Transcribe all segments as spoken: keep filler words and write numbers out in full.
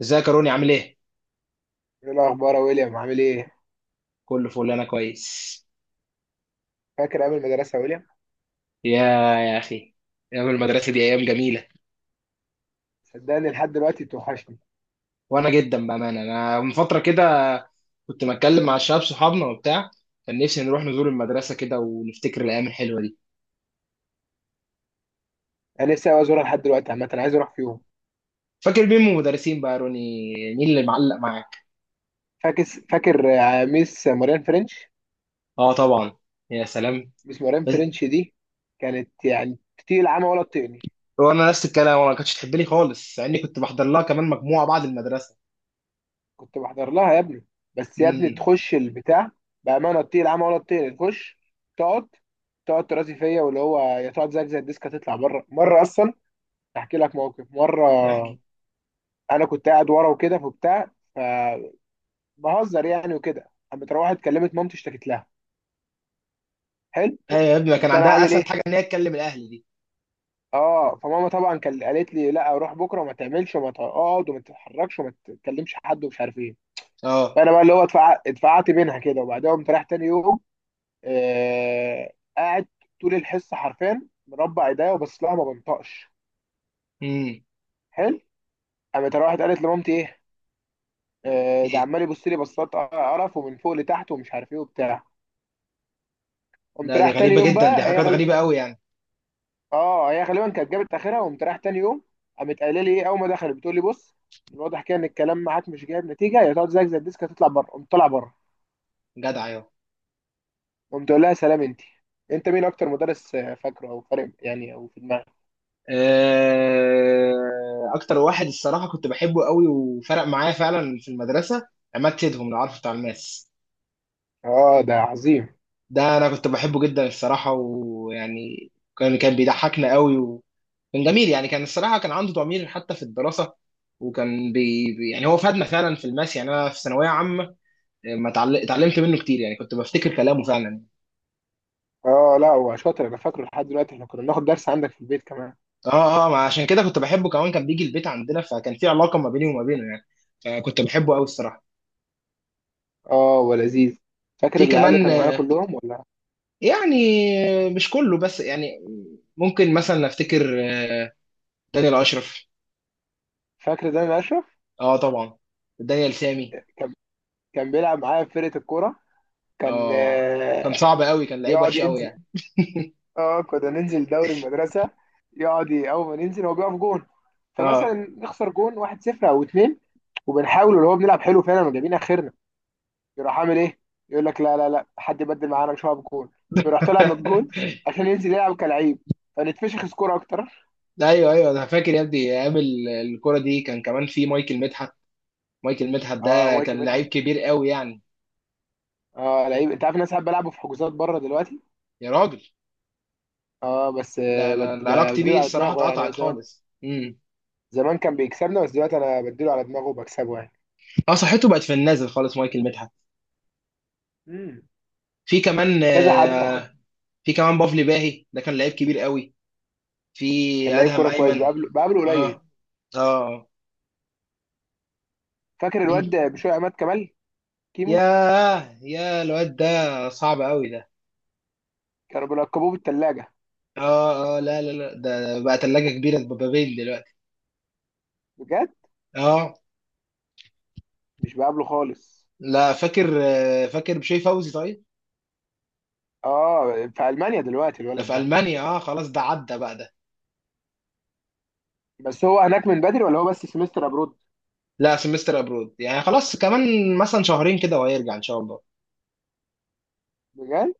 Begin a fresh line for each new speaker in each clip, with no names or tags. ازيك يا روني عامل ايه؟
ايه الاخبار يا ويليام عامل ايه؟
كله فل، انا كويس.
فاكر ايام المدرسه يا ويليام؟
يا يا اخي، ايام المدرسه دي ايام جميله.
صدقني لحد دلوقتي توحشني.
وانا جدا بامانه، انا من فتره كده كنت بتكلم مع الشباب صحابنا وبتاع، كان نفسي نروح نزور المدرسه كده ونفتكر الايام الحلوه دي.
انا نفسي أوي ازورها لحد دلوقتي، عامه انا عايز اروح في يوم.
فاكر مين من المدرسين بقى يا روني؟ مين اللي معلق معاك؟
فاكر فاكر آه، ميس موريان فرنش.
اه طبعا. يا سلام.
ميس موريان
بس.
فرنش دي كانت يعني تطير العمى ولا تطيقني.
وانا نفس الكلام، وانا ما كانتش تحب لي خالص مع اني كنت بحضر لها كمان مجموعه بعد المدرسه.
كنت بحضر لها يا ابني، بس يا ابني
امم.
تخش البتاع. بامانه تطير العمى ولا تطيقني. تخش، تقعد، تقعد ترازي فيا واللي هو يا تقعد زيك زي الديسك هتطلع بره مره اصلا. احكي لك موقف مره.
احكي.
انا كنت قاعد ورا وكده فبتاع، بهزر يعني وكده، قامت روحت كلمت مامتي اشتكت لها. حلو.
ايوه يا ابني، ما كان
قمت انا
عندها
عامل
اسهل
ايه؟
حاجه ان هي تكلم الاهل دي.
اه، فماما طبعا كان قالت لي لا روح بكره وما تعملش وما تقعد وما تتحركش وما تتكلمش حد ومش عارف ايه.
اه.
فانا بقى اللي هو اتفع- اتفقعت بينها كده، وبعدها قمت رايح تاني يوم. آه قاعد طول الحصه حرفيا، مربع ايديا وبص لها ما بنطقش.
امم.
حلو. قامت روحت قالت لمامتي ايه؟ آه، ده عمال يبص لي بصات قرف ومن فوق لتحت ومش عارف ايه وبتاع. قمت
لا
رايح
دي
تاني
غريبة
يوم
جدا، دي
بقى هي.
حاجات غريبة قوي يعني.
اه، هي غالبا كانت جابت اخرها، وقمت رايح تاني يوم. قامت قايله لي ايه اول ما دخلت، بتقول لي بص، من الواضح كده ان الكلام معاك مش جايب نتيجه، يا تقعد زيك زي الديسك هتطلع بره. قمت طالع بره.
جدع، ايوه.
قمت اقول لها سلام. انت، انت مين اكتر مدرس آه، فاكره او فارق يعني او في دماغك؟
آه، اكتر واحد الصراحة كنت بحبه قوي وفرق معايا فعلا في المدرسة، عماد سيدهم، لو عارفه بتاع الماس.
اه، ده عظيم.
ده انا كنت بحبه جدا الصراحة ويعني كان كان بيضحكنا قوي وكان جميل يعني، كان الصراحة كان عنده ضمير حتى في الدراسة. وكان بي بي- يعني هو فادنا فعلا في الماس يعني، انا في ثانوية عامة. آه، ما اتعل- اتعلمت منه كتير يعني، كنت بفتكر كلامه فعلا.
اه، لا هو شاطر، انا فاكره لحد دلوقتي، احنا كنا بناخد درس عندك في البيت كمان.
اه اه، ما عشان كده كنت بحبه كمان، كان بيجي البيت عندنا فكان في علاقه ما بيني وما بينه يعني، فكنت بحبه قوي الصراحه.
اه، ولذيذ. فاكر
في
العيال اللي
كمان
كانوا معانا
آه،
كلهم ولا؟
يعني. آه، مش كله بس يعني، ممكن مثلا افتكر. آه، دانيال اشرف.
فاكر ده، انا اشرف.
اه طبعا. دانيال سامي.
كان كان بيلعب معايا في فرقه الكوره، كان
اه، كان
آه،
صعب قوي، كان لعيب
يقعد
وحش قوي
ينزل.
يعني.
اه، كنا ننزل دوري المدرسه. يقعد ي- اول ما ننزل هو بيقف جون،
اه.
فمثلا نخسر جون واحد صفر او اثنين، وبنحاول اللي هو بنلعب حلو فعلا وجايبين اخرنا. يروح عامل ايه؟ يقول لك لا لا لا، حد يبدل معانا، مش هقف جون. ويروح طالع من الجون عشان ينزل يلعب كلعيب، فنتفشخ سكور اكتر.
ايوه ايوه، انا فاكر يا ابني ايام ال- الكره دي، كان كمان في مايكل مدحت. مايكل مدحت
اه،
ده
مايكي
كان
مدحت.
لعيب كبير قوي يعني.
اه، لعيب، انت عارف إن انا ساعات بلعبه في حجوزات بره دلوقتي.
يا راجل.
اه، بس
لا،
آه،
انا
بد-
أنا علاقتي بيه
بديله على
الصراحه
دماغه يعني.
اتقطعت
زمان،
خالص امم
زمان كان بيكسبنا، بس دلوقتي انا بديله على دماغه وبكسبه يعني.
اه، صحته بقت في النازل خالص مايكل مدحت.
امم
في كمان
كذا حد طب.
آه، في كمان بافلي باهي، ده كان لعيب كبير قوي. في
كان لعيب
ادهم
كوره كويس،
ايمن.
بقابله بقابله قليل.
اه. اه آه.
فاكر الواد
مين؟
بشوية عماد كمال، كيمو؟
ياه، يا الواد ده، صعب قوي ده.
كانوا بيلقبوه بالثلاجة.
اه اه، لا لا لا، ده بقى تلاجة كبيرة بابابيل دلوقتي.
بجد،
اه.
مش بقابله خالص.
لا، فاكر آه، فاكر بشوي فوزي طيب.
اه، في ألمانيا دلوقتي
ده
الولد
في
ده.
المانيا، اه خلاص، ده عدى بقى ده.
بس هو هناك من بدري ولا هو بس سمستر ابرود؟
لا، سمستر ابرود يعني، خلاص كمان مثلا شهرين كده وهيرجع ان شاء الله.
بجد.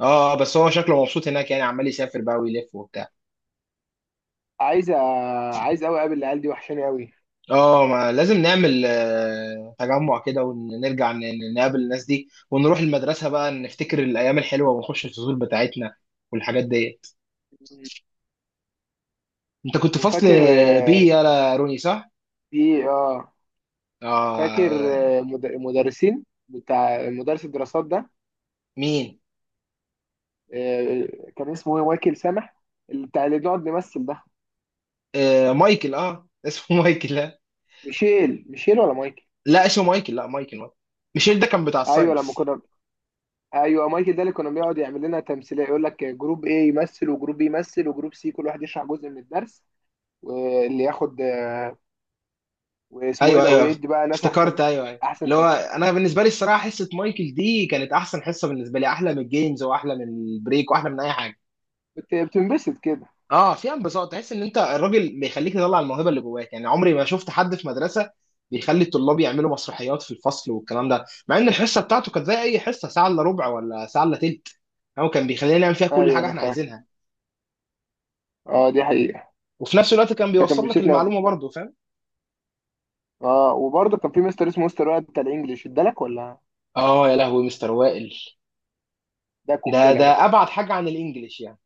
اه آه، بس هو شكله مبسوط هناك يعني، عمال يسافر بقى ويلف وبتاع.
عايز أ- عايز قوي اقابل العيال دي، وحشاني قوي.
اه، ما لازم نعمل آه، تجمع كده ونرجع ن- ن- نقابل الناس دي، ونروح المدرسة بقى نفتكر الأيام الحلوة ونخش الفصول بتاعتنا والحاجات دي. أنت كنت فصل
وفاكر
بي
آه،
يا روني، صح؟
في اه فاكر
آه.
آه، مد- مدرسين، بتاع مدرس الدراسات ده.
مين؟
آه، كان اسمه ايه؟ مايكل سامح، اللي بتاع اللي بنقعد نمثل ده.
آه مايكل، اه اسمه مايكل، لا.
ميشيل، ميشيل ولا مايكل؟
لا اسمه مايكل، لا مايكل مايكل، ميشيل ده كان بتاع
ايوه لما
الساينس.
كنا، ايوه مايكل ده اللي كنا بيقعد يعمل لنا تمثيليه، يقول لك جروب ايه يمثل وجروب بي يمثل وجروب سي، كل واحد يشرح جزء من الدرس. واللي ياخد، واسمه ايه
أيوه
ده،
أيوه،
ويدي بقى ناس
افتكرت،
احسن.
أيوه أيوه
احسن
اللي هو،
تمثيل.
أنا بالنسبة لي الصراحة حصة مايكل دي كانت أحسن حصة بالنسبة لي، أحلى من الجيمز وأحلى من البريك وأحلى من أي حاجة.
كنت بتنبسط كده.
اه فيها انبساط، تحس ان انت الراجل بيخليك تطلع الموهبه اللي جواك يعني. عمري ما شفت حد في مدرسه بيخلي الطلاب يعملوا مسرحيات في الفصل والكلام ده، مع ان الحصه بتاعته كانت زي اي حصه، ساعه الا ربع ولا ساعه الا تلت. هو كان بيخلينا نعمل فيها كل
ايوه
حاجه
انا
احنا
فاكر.
عايزينها،
اه دي حقيقه،
وفي نفس الوقت كان
ده كان
بيوصل لك
بيبسطني أوي.
المعلومه برضه، فاهم؟
اه، وبرضه كان في مستر اسمه مستر وائل بتاع الانجليش ادالك ولا؟
اه يا لهوي، مستر وائل
ده
ده
قنبله
ده
بقى.
ابعد حاجه عن الانجليش يعني.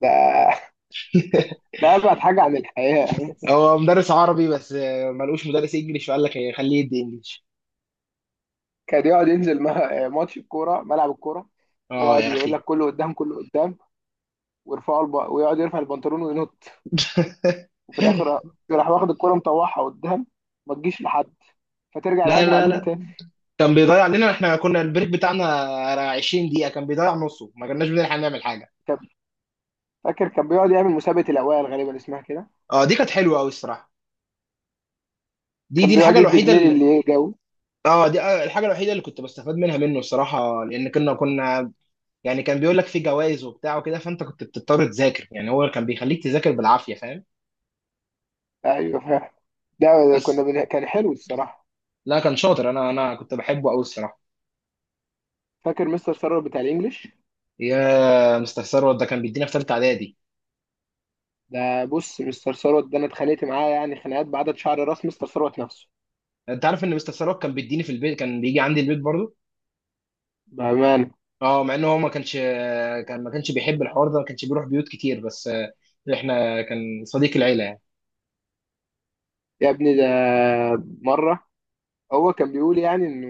ده ده ابعد حاجه عن الحياه.
هو مدرس عربي بس آه، ملقوش مدرس انجليش فقال لك إيه، خليه يدي انجليش.
كان يقعد ينزل ما- ماتش الكوره، ملعب الكوره.
اه
يقعد
يا
يقول لك
اخي.
كله قدام كله قدام، ويرفعوا الب... ويقعد يرفع البنطلون وينط. وفي الاخر راح واخد الكرة مطوعها قدام، ما تجيش لحد، فترجع
لا
الهجمة
لا
علينا
لا،
تاني.
كان بيضيع علينا، احنا كنا البريك بتاعنا 20 دقيقة كان بيضيع نصه، ما كناش بنلحق نعمل حاجة.
كان، فاكر كان بيقعد يعمل مسابقة الأوائل غالبا اسمها كده.
اه دي كانت حلوة قوي الصراحة، دي دي
كان بيقعد
الحاجة
يدي
الوحيدة
جنيه
اللي.
للي يجاوب.
اه دي آه، الحاجة الوحيدة اللي كنت بستفاد منها منه الصراحة، لأن كنا كنا يعني كان بيقول لك في جوائز وبتاع وكده فأنت كنت بتضطر تذاكر يعني، هو كان بيخليك تذاكر بالعافية، فاهم؟
أيوه فاهم. ده كنا
بس.
بن... كان حلو الصراحة.
لا كان شاطر، أنا أنا كنت بحبه قوي الصراحة.
فاكر مستر ثروت بتاع الإنجليش؟
يا مستر ثروت، ده كان بيدينا في ثالثة إعدادي.
ده بص، مستر ثروت ده أنا اتخانقت معاه يعني خناقات بعدد شعر راس مستر ثروت نفسه.
أنت عارف إن مستر ثروت كان بيديني في البيت؟ كان بيجي عندي البيت برضه.
بأمانة.
اه مع ان هو ما كانش، كان ما كانش بيحب الحوار ده، ما كانش بيروح بيوت كتير بس آه، احنا كان صديق العيله يعني.
يا ابني ده، مرة، هو كان بيقول يعني إنه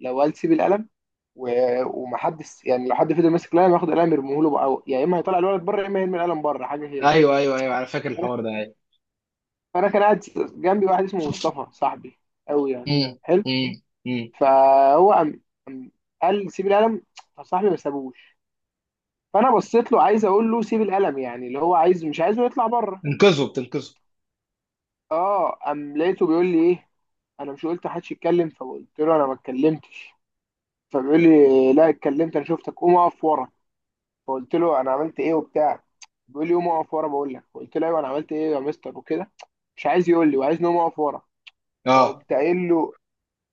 لو قال سيب القلم، و- ومحدش يعني لو حد فضل ماسك القلم ياخد قلم يرميه له بقى أو- يا اما هيطلع الولد بره يا اما يرمي القلم بره، حاجه كده.
ايوه ايوه ايوه، انا فاكر
فانا
الحوار ده ايوه.
فأنا كان قاعد جنبي واحد اسمه مصطفى، صاحبي قوي يعني.
امم
حلو.
امم امم.
فهو قام، قام قال لي سيب القلم. فصاحبي ما سابوش. فانا بصيت له عايز اقول له سيب القلم، يعني اللي هو عايز، مش عايزه يطلع بره.
انقذه بتنقذه.
اه، قام لقيته بيقول لي ايه؟ انا مش قلت محدش يتكلم؟ فقلت له انا ما اتكلمتش. فبيقول لي لا اتكلمت، انا شفتك، قوم اقف ورا. فقلت له انا عملت ايه وبتاع. بيقول لي قوم اقف ورا، بقول لك قلت له ايوه انا عملت ايه يا مستر وكده. مش عايز يقول لي، وعايز نقوم اقف ورا.
اه.
فقمت قايل له،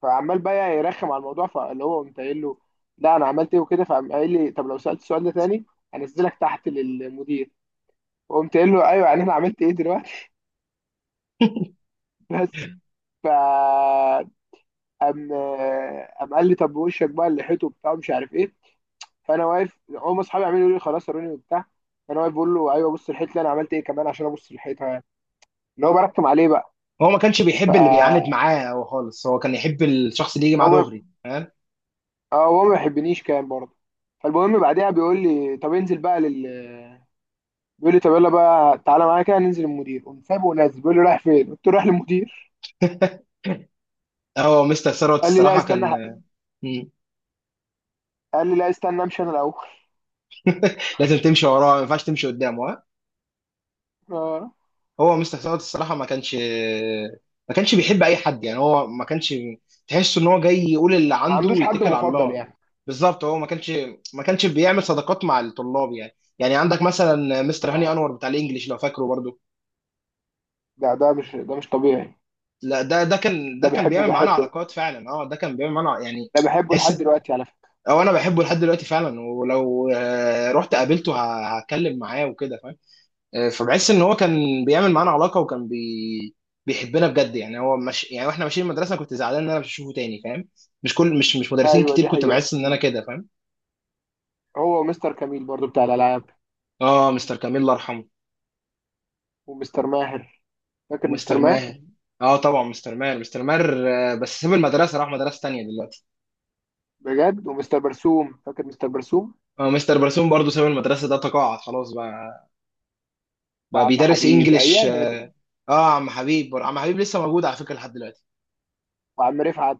فعمال بقى يرخم على الموضوع، فاللي هو قمت قايل له لا انا عملت ايه وكده. فقام قايل لي طب لو سالت السؤال ده تاني هنزلك تحت للمدير. وقمت قايل له ايوه يعني، انا عملت ايه دلوقتي؟ بس. ف قام، قام قال لي طب وشك بقى اللي حيته وبتاع مش عارف ايه. فانا واقف، هم اصحابي عمالين يقولوا لي خلاص اروني وبتاع. فانا واقف بقول له ايوه بص الحيط اللي انا عملت ايه كمان عشان ابص الحيطه، اللي هو برخم عليه بقى.
هو ما كانش بيحب اللي بيعاند
فهو
معاه هو خالص، هو كان يحب الشخص اللي يجي معاه
ما-
دغري، فاهم؟
اه هو ما بيحبنيش كان برضه. فالمهم بعدها بيقول لي طب انزل بقى لل، بيقول لي طب يلا بقى تعالى معايا كده ننزل المدير. قمت سايبه ونازل، بيقول لي رايح فين؟ قلت له رايح للمدير.
اه مستر ثروت
قال لي لا
الصراحه
استنى.
كان. مم.
قال لي لا استنى امشي انا الاول.
لازم تمشي وراه، ما ينفعش تمشي قدامه.
اه،
هو مستر سعد الصراحه ما كانش، ما كانش بيحب اي حد يعني، هو ما كانش تحس ان هو جاي يقول اللي
ما
عنده
عندوش حد
ويتكل على
مفضل
الله.
يعني.
بالظبط، هو ما كانش، ما كانش بيعمل صداقات مع الطلاب يعني يعني عندك مثلا مستر هاني
اه،
انور بتاع الانجليش، لو فاكره برضو.
ده ده مش ده مش طبيعي.
لا، ده ده كان ده
ده
كان
بحبه
بيعمل معانا
بحبه،
علاقات فعلا. اه ده كان بيعمل معانا ع- يعني.
ده بحبه لحد
تحس،
دلوقتي على فكره.
او انا بحبه لحد دلوقتي فعلا، ولو آه، رحت قابلته ه- هتكلم معاه وكده، فاهم؟ آه، فبحس ان هو كان بيعمل معانا علاقه، وكان بي... بيحبنا بجد يعني، هو مش يعني، واحنا ماشيين المدرسه كنت زعلان ان انا مش هشوفه تاني، فاهم؟ مش كل مش مش مدرسين
ايوه
كتير
دي
كنت
حقيقه.
بحس ان انا كده، فاهم؟
هو ومستر كميل برضه بتاع الالعاب،
اه مستر كميل الله يرحمه.
ومستر ماهر. فاكر مستر
ومستر
ماهر؟
ماهر. اه طبعا، مستر ماهر مستر ماهر، آه، بس ساب المدرسه، راح مدرسه تانيه دلوقتي.
بجد. ومستر برسوم، فاكر مستر برسوم؟
اه مستر برسوم برضه ساب المدرسه، ده تقاعد خلاص بقى، بقى
وعم
بيدرس
حبيب
انجليش
ايام يا ابني.
اه. آه، عم حبيب، عم حبيب لسه موجود على فكره لحد دلوقتي.
وعم رفعت.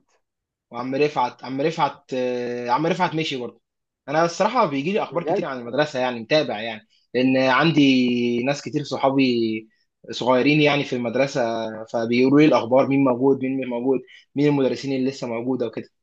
وعم رفعت، عم رفعت آه، عم رفعت مشي برضه. انا الصراحه بيجي لي اخبار كتير
بجد.
عن المدرسه يعني، متابع يعني، لان عندي ناس كتير صحابي صغيرين يعني في المدرسه، فبيقولوا لي الاخبار مين موجود مين مش موجود، مين المدرسين اللي لسه موجوده وكده.